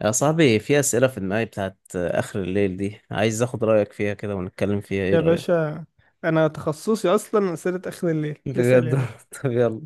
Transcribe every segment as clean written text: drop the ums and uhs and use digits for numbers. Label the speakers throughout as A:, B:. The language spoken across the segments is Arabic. A: يا صاحبي، في أسئلة في دماغي بتاعت آخر الليل دي، عايز أخد رأيك فيها كده ونتكلم فيها. إيه
B: يا
A: رأيك؟
B: باشا، انا تخصصي اصلا اسئله اخر الليل. اسال
A: بجد؟
B: يا باشا.
A: طب يلا.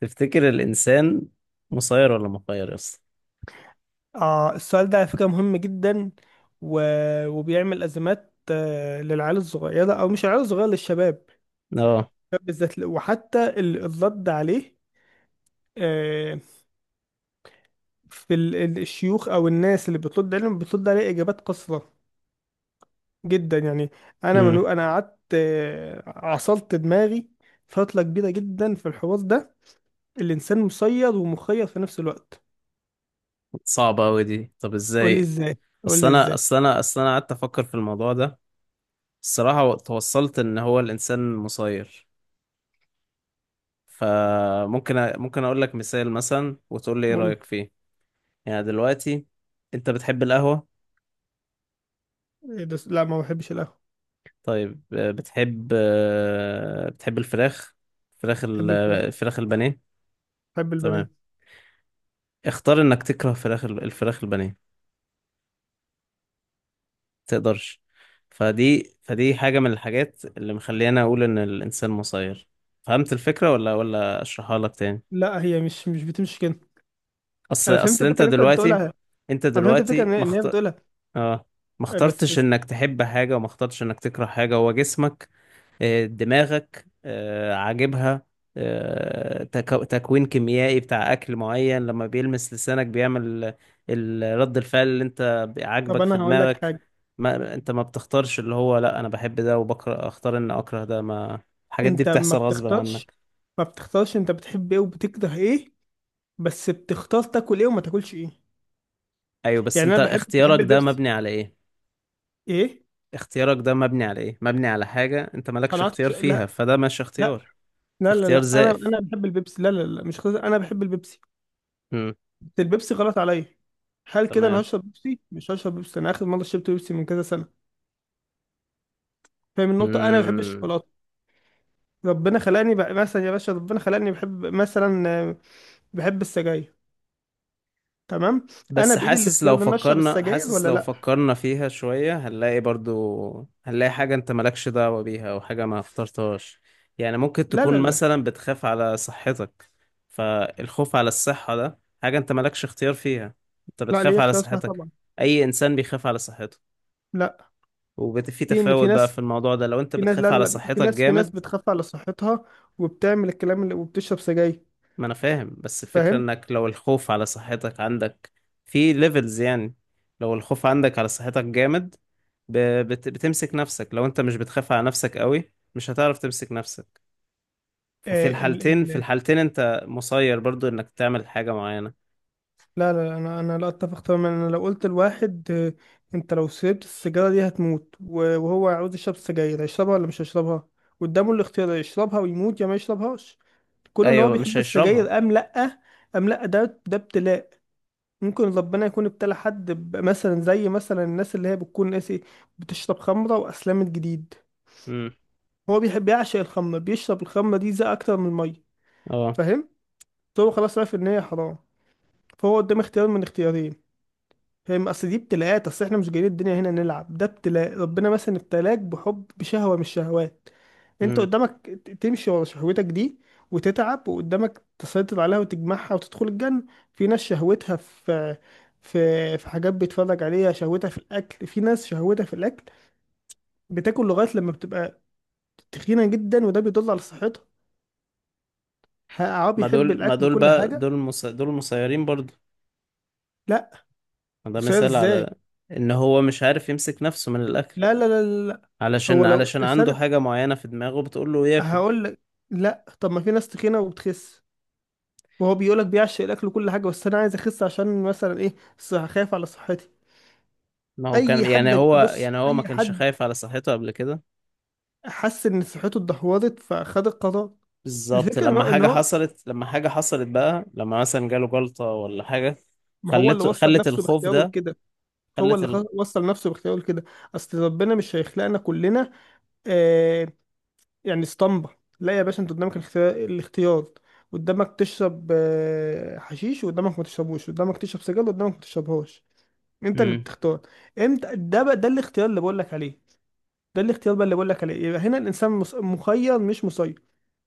A: تفتكر الإنسان مسير ولا مخير يا اسطى؟
B: اه، السؤال ده على فكره مهم جدا. و... وبيعمل ازمات، للعيال الصغيره، او مش العيال الصغيره، للشباب
A: اه.
B: بالذات. وحتى الرد عليه، آه، في الشيوخ او الناس اللي بترد عليهم بترد عليه اجابات قصيره جدا يعني. انا من،
A: امم.
B: انا قعدت، عصلت دماغي فتره كبيره جدا في الحوار ده. الانسان مسير ومخير في نفس الوقت.
A: صعبة أوي دي. طب
B: قول لي
A: إزاي؟
B: ازاي، قول
A: أصل
B: لي
A: أنا
B: ازاي.
A: أصل أنا أصل أنا قعدت أفكر في الموضوع ده. الصراحة توصلت إن هو الإنسان مسير. فممكن ممكن أقول لك مثال مثلا، وتقول لي إيه رأيك فيه؟ يعني دلوقتي، أنت بتحب القهوة؟
B: إيه ده؟ لا، ما بحبش القهوة.
A: طيب بتحب الفراخ؟
B: بحب الفراخ،
A: الفراخ البانيه.
B: بحب البانيه.
A: تمام. اختار انك تكره الفراخ البانيه. تقدرش. فدي حاجة من الحاجات اللي مخلينا اقول ان الانسان مسير. فهمت الفكرة ولا اشرحها لك تاني؟
B: لا، هي مش بتمشي كده.
A: اصل
B: انا فهمت
A: اصل
B: الفكرة
A: انت
B: اللي انت
A: دلوقتي،
B: بتقولها.
A: انت
B: انا فهمت الفكرة
A: دلوقتي ما
B: إن هي
A: مخت...
B: بتقولها.
A: اه. ما
B: إيه؟ بس
A: اخترتش
B: بس
A: انك تحب حاجة وما اخترتش انك تكره حاجة. هو جسمك، دماغك، عاجبها. تكوين كيميائي بتاع أكل معين لما بيلمس لسانك بيعمل رد الفعل اللي أنت
B: طب
A: عاجبك في
B: انا هقول لك
A: دماغك.
B: حاجة.
A: ما أنت ما بتختارش اللي هو لا أنا بحب ده وبكره، أختار إن أكره ده. ما الحاجات دي
B: انت ما
A: بتحصل غصب
B: بتختارش،
A: عنك.
B: ما بتختارش انت بتحب ايه وبتكره ايه، بس بتختار تاكل ايه وما تاكلش ايه.
A: أيوه، بس
B: يعني انا
A: أنت
B: بحب
A: اختيارك
B: بحب
A: ده
B: البيبسي.
A: مبني على إيه؟
B: ايه؟
A: اختيارك ده مبني على إيه؟ مبني على حاجة أنت مالكش
B: قناعتك؟
A: اختيار فيها، فده مش
B: لا
A: اختيار.
B: لا لا
A: اختيار
B: لا، انا
A: زائف.
B: انا بحب البيبسي. لا، لا، لا، مش خلاص، انا بحب البيبسي.
A: مم.
B: بس البيبسي غلط عليا. هل كده انا
A: تمام.
B: هشرب بيبسي؟ مش هشرب بيبسي. انا اخر مره شربت بيبسي من كذا سنه. فاهم النقطه؟ انا بحب
A: مم.
B: الشوكولاته. ربنا خلاني بقى، مثلا يا باشا، ربنا خلاني بحب، مثلا، بحب السجاير. تمام. انا
A: بس
B: بايدي
A: حاسس
B: الاختيار
A: لو
B: ان أنا اشرب
A: فكرنا
B: السجاير
A: حاسس
B: ولا
A: لو
B: لا.
A: فكرنا فيها شوية، هنلاقي برضو، هنلاقي حاجة انت مالكش دعوة بيها او حاجة ما اخترتهاش. يعني ممكن
B: لا،
A: تكون
B: لا، لا،
A: مثلا بتخاف على صحتك. فالخوف على الصحة ده حاجة انت مالكش اختيار فيها. انت
B: لا
A: بتخاف
B: ليه؟
A: على
B: اختيار، صح
A: صحتك،
B: طبعا.
A: اي انسان بيخاف على صحته.
B: لا،
A: وفي
B: في في
A: تفاوت بقى
B: ناس،
A: في الموضوع ده. لو انت
B: في ناس،
A: بتخاف
B: لا،
A: على
B: لا، في
A: صحتك
B: ناس، في ناس
A: جامد،
B: بتخاف على صحتها وبتعمل الكلام اللي، وبتشرب سجاير.
A: ما انا فاهم، بس الفكرة
B: فاهم؟
A: انك لو الخوف على صحتك عندك في ليفلز يعني. لو الخوف عندك على صحتك جامد، ب- بتمسك نفسك. لو انت مش بتخاف على نفسك قوي، مش هتعرف تمسك نفسك. ففي
B: آه ال
A: الحالتين في
B: ال
A: الحالتين انت مسير برضو انك تعمل حاجة معينة.
B: لا، لا، لا، انا انا لا اتفق تماما. انا لو قلت لواحد، انت لو شربت السيجاره دي هتموت، وهو عاوز يشرب سجاير، هيشربها ولا مش هيشربها؟ قدامه الاختيار، يشربها ويموت يا ما يشربهاش. كون ان هو
A: ايوه، مش
B: بيحب
A: هيشربها.
B: السجاير ام لا، ام لا، ده ابتلاء. ممكن ربنا يكون ابتلى حد مثلا، زي مثلا الناس اللي هي بتكون ناسي، بتشرب خمره واسلمت جديد.
A: امم.
B: هو بيحب يعشق الخمره، بيشرب الخمره دي زي اكتر من الميه.
A: اه.
B: فاهم؟ فهو خلاص عارف ان هي حرام، فهو قدام اختيار من اختيارين. فاهم؟ اصل دي ابتلاءات. اصل احنا مش جايين الدنيا هنا نلعب. ده ابتلاء. ربنا مثلا ابتلاك بحب، بشهوة من الشهوات. انت
A: امم.
B: قدامك تمشي ورا شهوتك دي وتتعب، وقدامك تسيطر عليها وتجمعها وتدخل الجنة. في ناس شهوتها في، في، في حاجات بيتفرج عليها، شهوتها في الاكل. في ناس شهوتها في الاكل، بتاكل لغاية لما بتبقى تخينة جدا، وده بيدل على صحتها. عربي
A: ما
B: يحب
A: دول ما
B: الاكل
A: دول
B: وكل
A: بقى،
B: حاجة.
A: دول مسيرين برضو.
B: لا،
A: ده
B: مسيطر
A: مثال
B: ازاي؟
A: على ان هو مش عارف يمسك نفسه من الاكل،
B: لا، لا.
A: علشان
B: هو لو
A: علشان عنده
B: الإنسان،
A: حاجة معينة في دماغه بتقول له ياكل.
B: هقول لك. لا، طب ما في ناس تخينه وبتخس، وهو بيقول لك بيعشق الاكل وكل حاجه، بس انا عايز اخس عشان مثلا ايه؟ صح، خايف على صحتي.
A: ما هو كان،
B: اي حد
A: يعني هو
B: بص،
A: يعني هو ما
B: اي
A: كانش
B: حد
A: خايف على صحته قبل كده؟
B: حس ان صحته اتدهورت فخد القرار.
A: بالظبط،
B: الفكره ان
A: لما
B: هو، ان
A: حاجة
B: هو،
A: حصلت، لما حاجة حصلت بقى، لما مثلا جاله جلطة ولا حاجة،
B: ما هو اللي وصل
A: خلت
B: نفسه
A: الخوف
B: باختياره
A: ده،
B: لكده. هو
A: خلت
B: اللي
A: ال...
B: وصل نفسه باختياره لكده. اصل ربنا مش هيخلقنا كلنا آه، يعني، اسطمبه. لا يا باشا، انت قدامك الاختيار، الاختيار. قدامك تشرب، حشيش، وقدامك ما تشربوش. قدامك تشرب سجاير وقدامك ما تشربهاش. انت اللي
A: مم.
B: بتختار. امتى ده بقى؟ ده الاختيار اللي بقول لك عليه. ده الاختيار بقى اللي بقول لك عليه. يبقى هنا الانسان مخير مش مسير.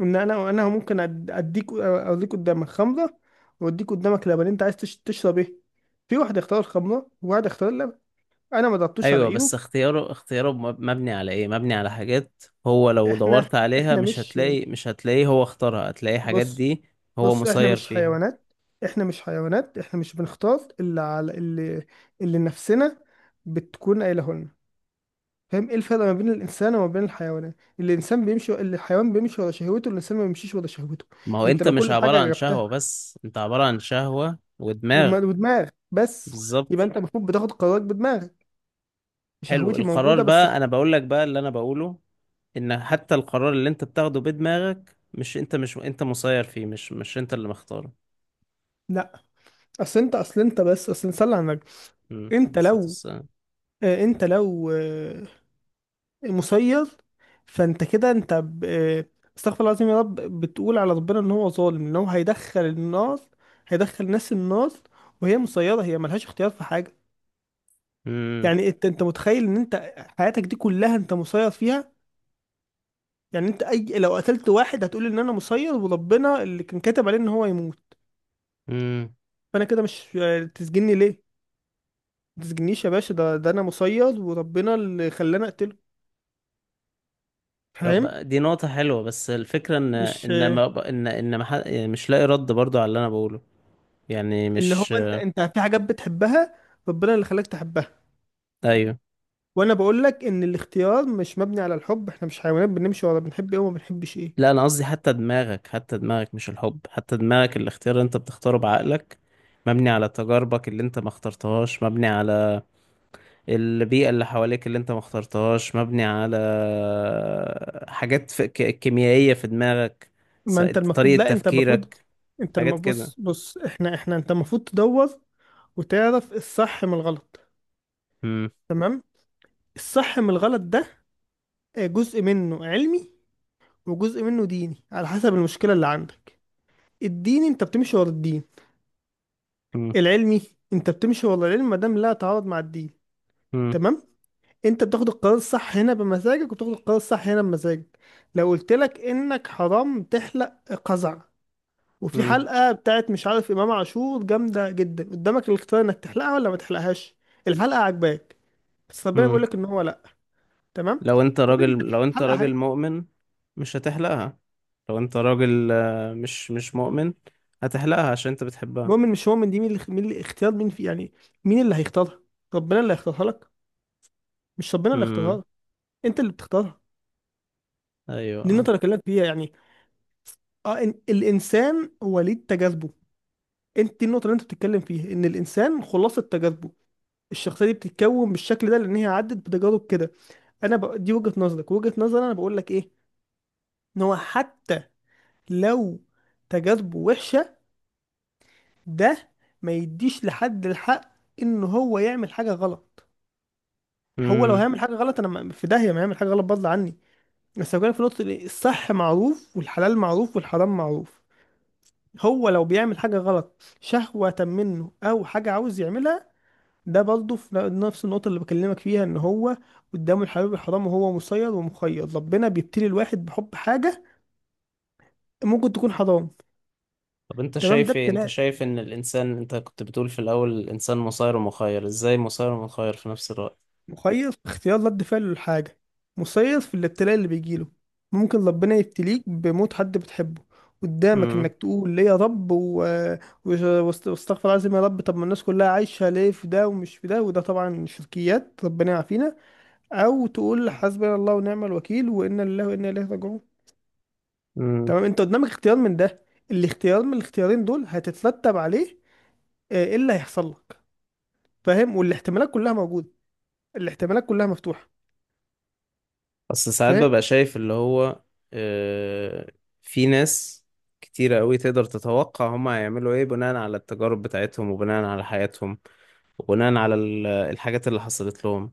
B: ان انا ممكن اديك، اوريك، قدامك خمره واديك قدامك لبن، انت عايز تشرب ايه؟ في واحد اختار الخمره وواحد اختار اللبن. انا ما ضربتوش على
A: ايوه
B: ايده.
A: بس اختياره، مبني على ايه؟ مبني على حاجات هو لو
B: احنا
A: دورت عليها
B: احنا مش
A: مش هتلاقيه. هو اختارها، هتلاقي حاجات
B: بص،
A: دي هو
B: بص، احنا
A: مسير
B: مش
A: فيها.
B: حيوانات. احنا مش حيوانات. احنا مش بنختار اللي على اللي، اللي نفسنا بتكون قايله لنا. فاهم ايه الفرق ما بين الانسان وما بين الحيوانات؟ الانسان بيمشي، الحيوان بيمشي ورا شهوته، الانسان ما بيمشيش ورا شهوته.
A: ما هو
B: انت
A: انت
B: لو
A: مش
B: كل
A: عبارة
B: حاجه
A: عن
B: جبتها
A: شهوة بس، انت عبارة عن شهوة ودماغ.
B: ودماغ بس، يبقى
A: بالظبط.
B: انت المفروض بتاخد قرارك بدماغك.
A: حلو،
B: شهوتي
A: القرار
B: موجوده بس.
A: بقى، انا بقول لك بقى اللي انا بقوله، ان حتى القرار اللي انت بتاخده بدماغك، مش انت مسير فيه، مش انت اللي مختاره.
B: لا، اصل نصلي على النبي.
A: امم، عليه
B: انت
A: الصلاة
B: لو،
A: والسلام.
B: انت لو، مسير، فانت كده انت استغفر الله العظيم يا رب، بتقول على ربنا ان هو ظالم، ان هو هيدخل النار، هيدخل ناس النار وهي مسيره، هي ملهاش اختيار في حاجه.
A: امم.
B: يعني انت، انت متخيل ان انت حياتك دي كلها انت مسير فيها؟ يعني انت اي لو قتلت واحد، هتقول ان انا مسير، وربنا اللي كان كاتب عليه ان هو يموت.
A: امم.
B: فانا كده مش، تسجني ليه؟ ما تسجنيش يا باشا، ده ده انا مسير، وربنا اللي خلاني اقتله.
A: طب
B: فاهم؟
A: دي نقطة حلوة، بس الفكرة ان
B: مش،
A: ان ما ب- ان ان ما ح- يعني مش لاقي رد برضو على اللي انا بقوله، يعني
B: ان هو
A: مش.
B: انت، انت في حاجات بتحبها، ربنا اللي خلاك تحبها.
A: ايوه.
B: وانا بقول لك ان الاختيار مش مبني على الحب. احنا مش حيوانات بنمشي ورا بنحب ايه وما بنحبش
A: لا،
B: ايه.
A: انا قصدي حتى دماغك، حتى دماغك، مش الحب، حتى دماغك، الاختيار اللي انت بتختاره بعقلك مبني على تجاربك اللي انت ما اخترتهاش، مبني على البيئة اللي حواليك اللي انت ما اخترتهاش، مبني على حاجات في كيميائية في دماغك، س-
B: ما انت المفروض،
A: طريقة
B: لا انت المفروض
A: تفكيرك،
B: انت
A: حاجات
B: المفروض
A: كده.
B: بص، بص، احنا انت المفروض تدور وتعرف الصح من الغلط.
A: مم.
B: تمام. الصح من الغلط ده، جزء منه علمي وجزء منه ديني، على حسب المشكلة اللي عندك. الديني انت بتمشي ورا الدين،
A: مم.
B: العلمي انت بتمشي ورا العلم ما دام لا تعارض مع الدين.
A: مم.
B: تمام. انت بتاخد القرار الصح هنا بمزاجك، وبتاخد القرار الصح هنا بمزاجك. لو قلت لك انك حرام تحلق قزع، وفي
A: مم.
B: حلقة بتاعت مش عارف امام عاشور جامدة جدا، قدامك الاختيار انك تحلقها ولا ما تحلقهاش. الحلقة عجباك، بس ربنا بيقول
A: مم.
B: لك ان هو لا. تمام. كل اللي في
A: لو انت
B: الحلقه حاجه.
A: راجل مؤمن، مش هتحلقها. لو انت راجل مش مؤمن، هتحلقها عشان انت بتحبها.
B: المهم، إن مش مؤمن دي، مين اللي، مين اللي اختيار مين في يعني، مين اللي هيختارها؟ ربنا اللي هيختارها لك؟ مش ربنا اللي هيختارها
A: مم.
B: لك، انت اللي بتختارها. دي
A: ايوه.
B: النقطه اللي بكلمك فيها يعني. اه، إن الانسان وليد تجاذبه، انت دي النقطه اللي انت بتتكلم فيها، ان الانسان خلاصه تجاذبه، الشخصيه دي بتتكون بالشكل ده لان هي عدت بتجارب كده. دي وجهه نظرك، وجهه نظري انا بقول لك ايه، ان هو حتى لو تجاذبه وحشه، ده ما يديش لحد الحق ان هو يعمل حاجه غلط. هو لو
A: مم.
B: هيعمل حاجه غلط انا في داهيه، ما هيعمل حاجه غلط بدل عني. بس لو جالك في نقطه الصح معروف، والحلال معروف، والحرام معروف، هو لو بيعمل حاجه غلط شهوه منه او حاجه عاوز يعملها، ده برضه في نفس النقطه اللي بكلمك فيها، ان هو قدامه الحلال والحرام، وهو مسير ومخير. ربنا بيبتلي الواحد بحب حاجه ممكن تكون حرام.
A: طب انت
B: تمام. ده
A: شايف ايه، انت
B: ابتلاء.
A: شايف ان الانسان، انت كنت بتقول في الاول الانسان مسير ومخير، ازاي مسير ومخير في نفس الوقت؟
B: مخير في اختيار رد فعله للحاجة، مسير في الابتلاء اللي بيجيله. ممكن ربنا يبتليك بموت حد بتحبه، قدامك انك تقول ليه يا رب واستغفر العظيم يا رب، طب ما الناس كلها عايشة ليه في ده ومش في ده؟ وده طبعا شركيات ربنا يعافينا. او تقول حسبنا الله ونعم الوكيل، وانا لله وانا اليه راجعون.
A: مم.
B: تمام. انت قدامك اختيار من ده، الاختيار من الاختيارين دول هتترتب عليه ايه اللي هيحصل لك. فاهم؟ والاحتمالات كلها موجودة، الاحتمالات كلها مفتوحة.
A: اصل ساعات ببقى شايف اللي هو، آه، في ناس كتيرة قوي تقدر تتوقع هما هيعملوا ايه بناء على التجارب بتاعتهم وبناء على حياتهم، وبناء على الحاجات اللي حصلت لهم.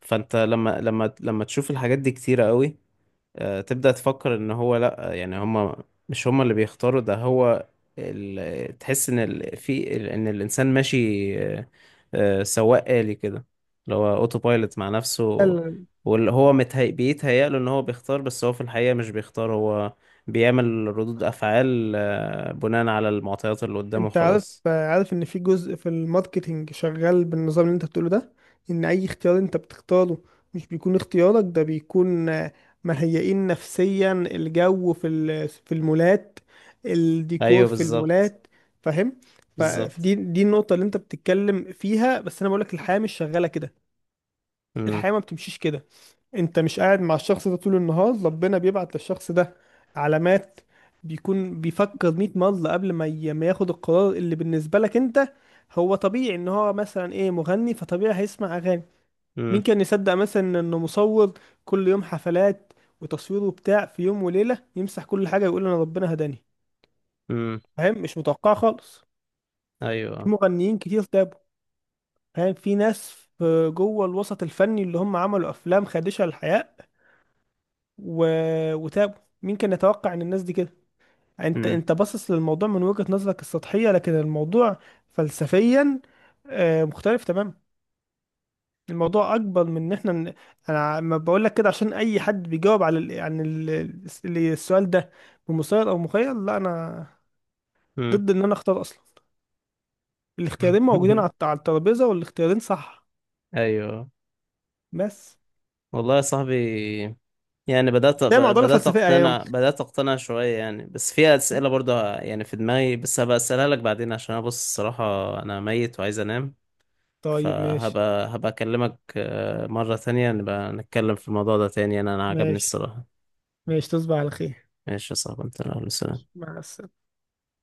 A: فانت لما، لما تشوف الحاجات دي كتيرة قوي، تبدأ تفكر ان هو لا، يعني هما مش هما اللي بيختاروا ده. هو تحس ان ان الانسان ماشي آه، سواق آلي كده، اللي هو اوتو بايلوت مع نفسه،
B: فاهم؟
A: واللي هو بيتهيأ له ان هو بيختار، بس هو في الحقيقة مش بيختار، هو بيعمل ردود افعال بناء على المعطيات اللي قدامه
B: انت عارف،
A: خلاص.
B: عارف ان في جزء في الماركتينج شغال بالنظام اللي انت بتقوله ده، ان اي اختيار انت بتختاره مش بيكون اختيارك، ده بيكون، مهيئين نفسيا، الجو في في المولات، الديكور
A: ايوه،
B: في
A: بالظبط.
B: المولات. فاهم؟
A: بالظبط.
B: فدي النقطة اللي انت بتتكلم فيها، بس انا بقولك الحياة مش شغالة كده.
A: امم.
B: الحياة ما بتمشيش كده. انت مش قاعد مع الشخص ده طول النهار، ربنا بيبعت للشخص ده علامات. بيكون بيفكر 100 مرة قبل ما ياخد القرار اللي بالنسبة لك انت هو طبيعي. ان هو مثلا ايه، مغني، فطبيعي هيسمع اغاني. مين
A: امم.
B: كان يصدق مثلا انه مصور، كل يوم حفلات وتصوير وبتاع، في يوم وليلة يمسح كل حاجة ويقول انا ربنا هداني.
A: امم.
B: فاهم؟ مش متوقع خالص. في
A: ايوه.
B: مغنيين كتير تابوا. فاهم؟ في ناس، في- جوه الوسط الفني، اللي هم عملوا افلام خادشة للحياة و... وتابوا. مين كان يتوقع ان الناس دي كده؟ انت،
A: امم.
B: انت باصص للموضوع من وجهة نظرك السطحية، لكن الموضوع فلسفيا مختلف تماما. الموضوع اكبر من ان احنا انا ما بقول لك كده عشان اي حد بيجاوب عن السؤال ده بمسير او مخيل. لا، انا
A: امم.
B: ضد ان انا اختار اصلا. الاختيارين موجودين على على الترابيزة، والاختيارين صح.
A: ايوه.
B: بس
A: والله يا صاحبي، يعني بدأت،
B: ده معضلة
A: بدأت
B: فلسفية ايام.
A: أقتنع، بدأت أقتنع شوية يعني، بس في أسئلة برضه يعني في دماغي، بس هبقى أسألها لك بعدين، عشان أنا بص الصراحة أنا ميت وعايز أنام.
B: طيب ماشي.
A: هبقى أكلمك مرة تانية، نبقى نتكلم في الموضوع ده تاني، أنا عجبني
B: ماشي،
A: الصراحة.
B: ماشي. تصبح على خير.
A: ماشي يا صاحبي، أنت السلام.
B: مع السلامة.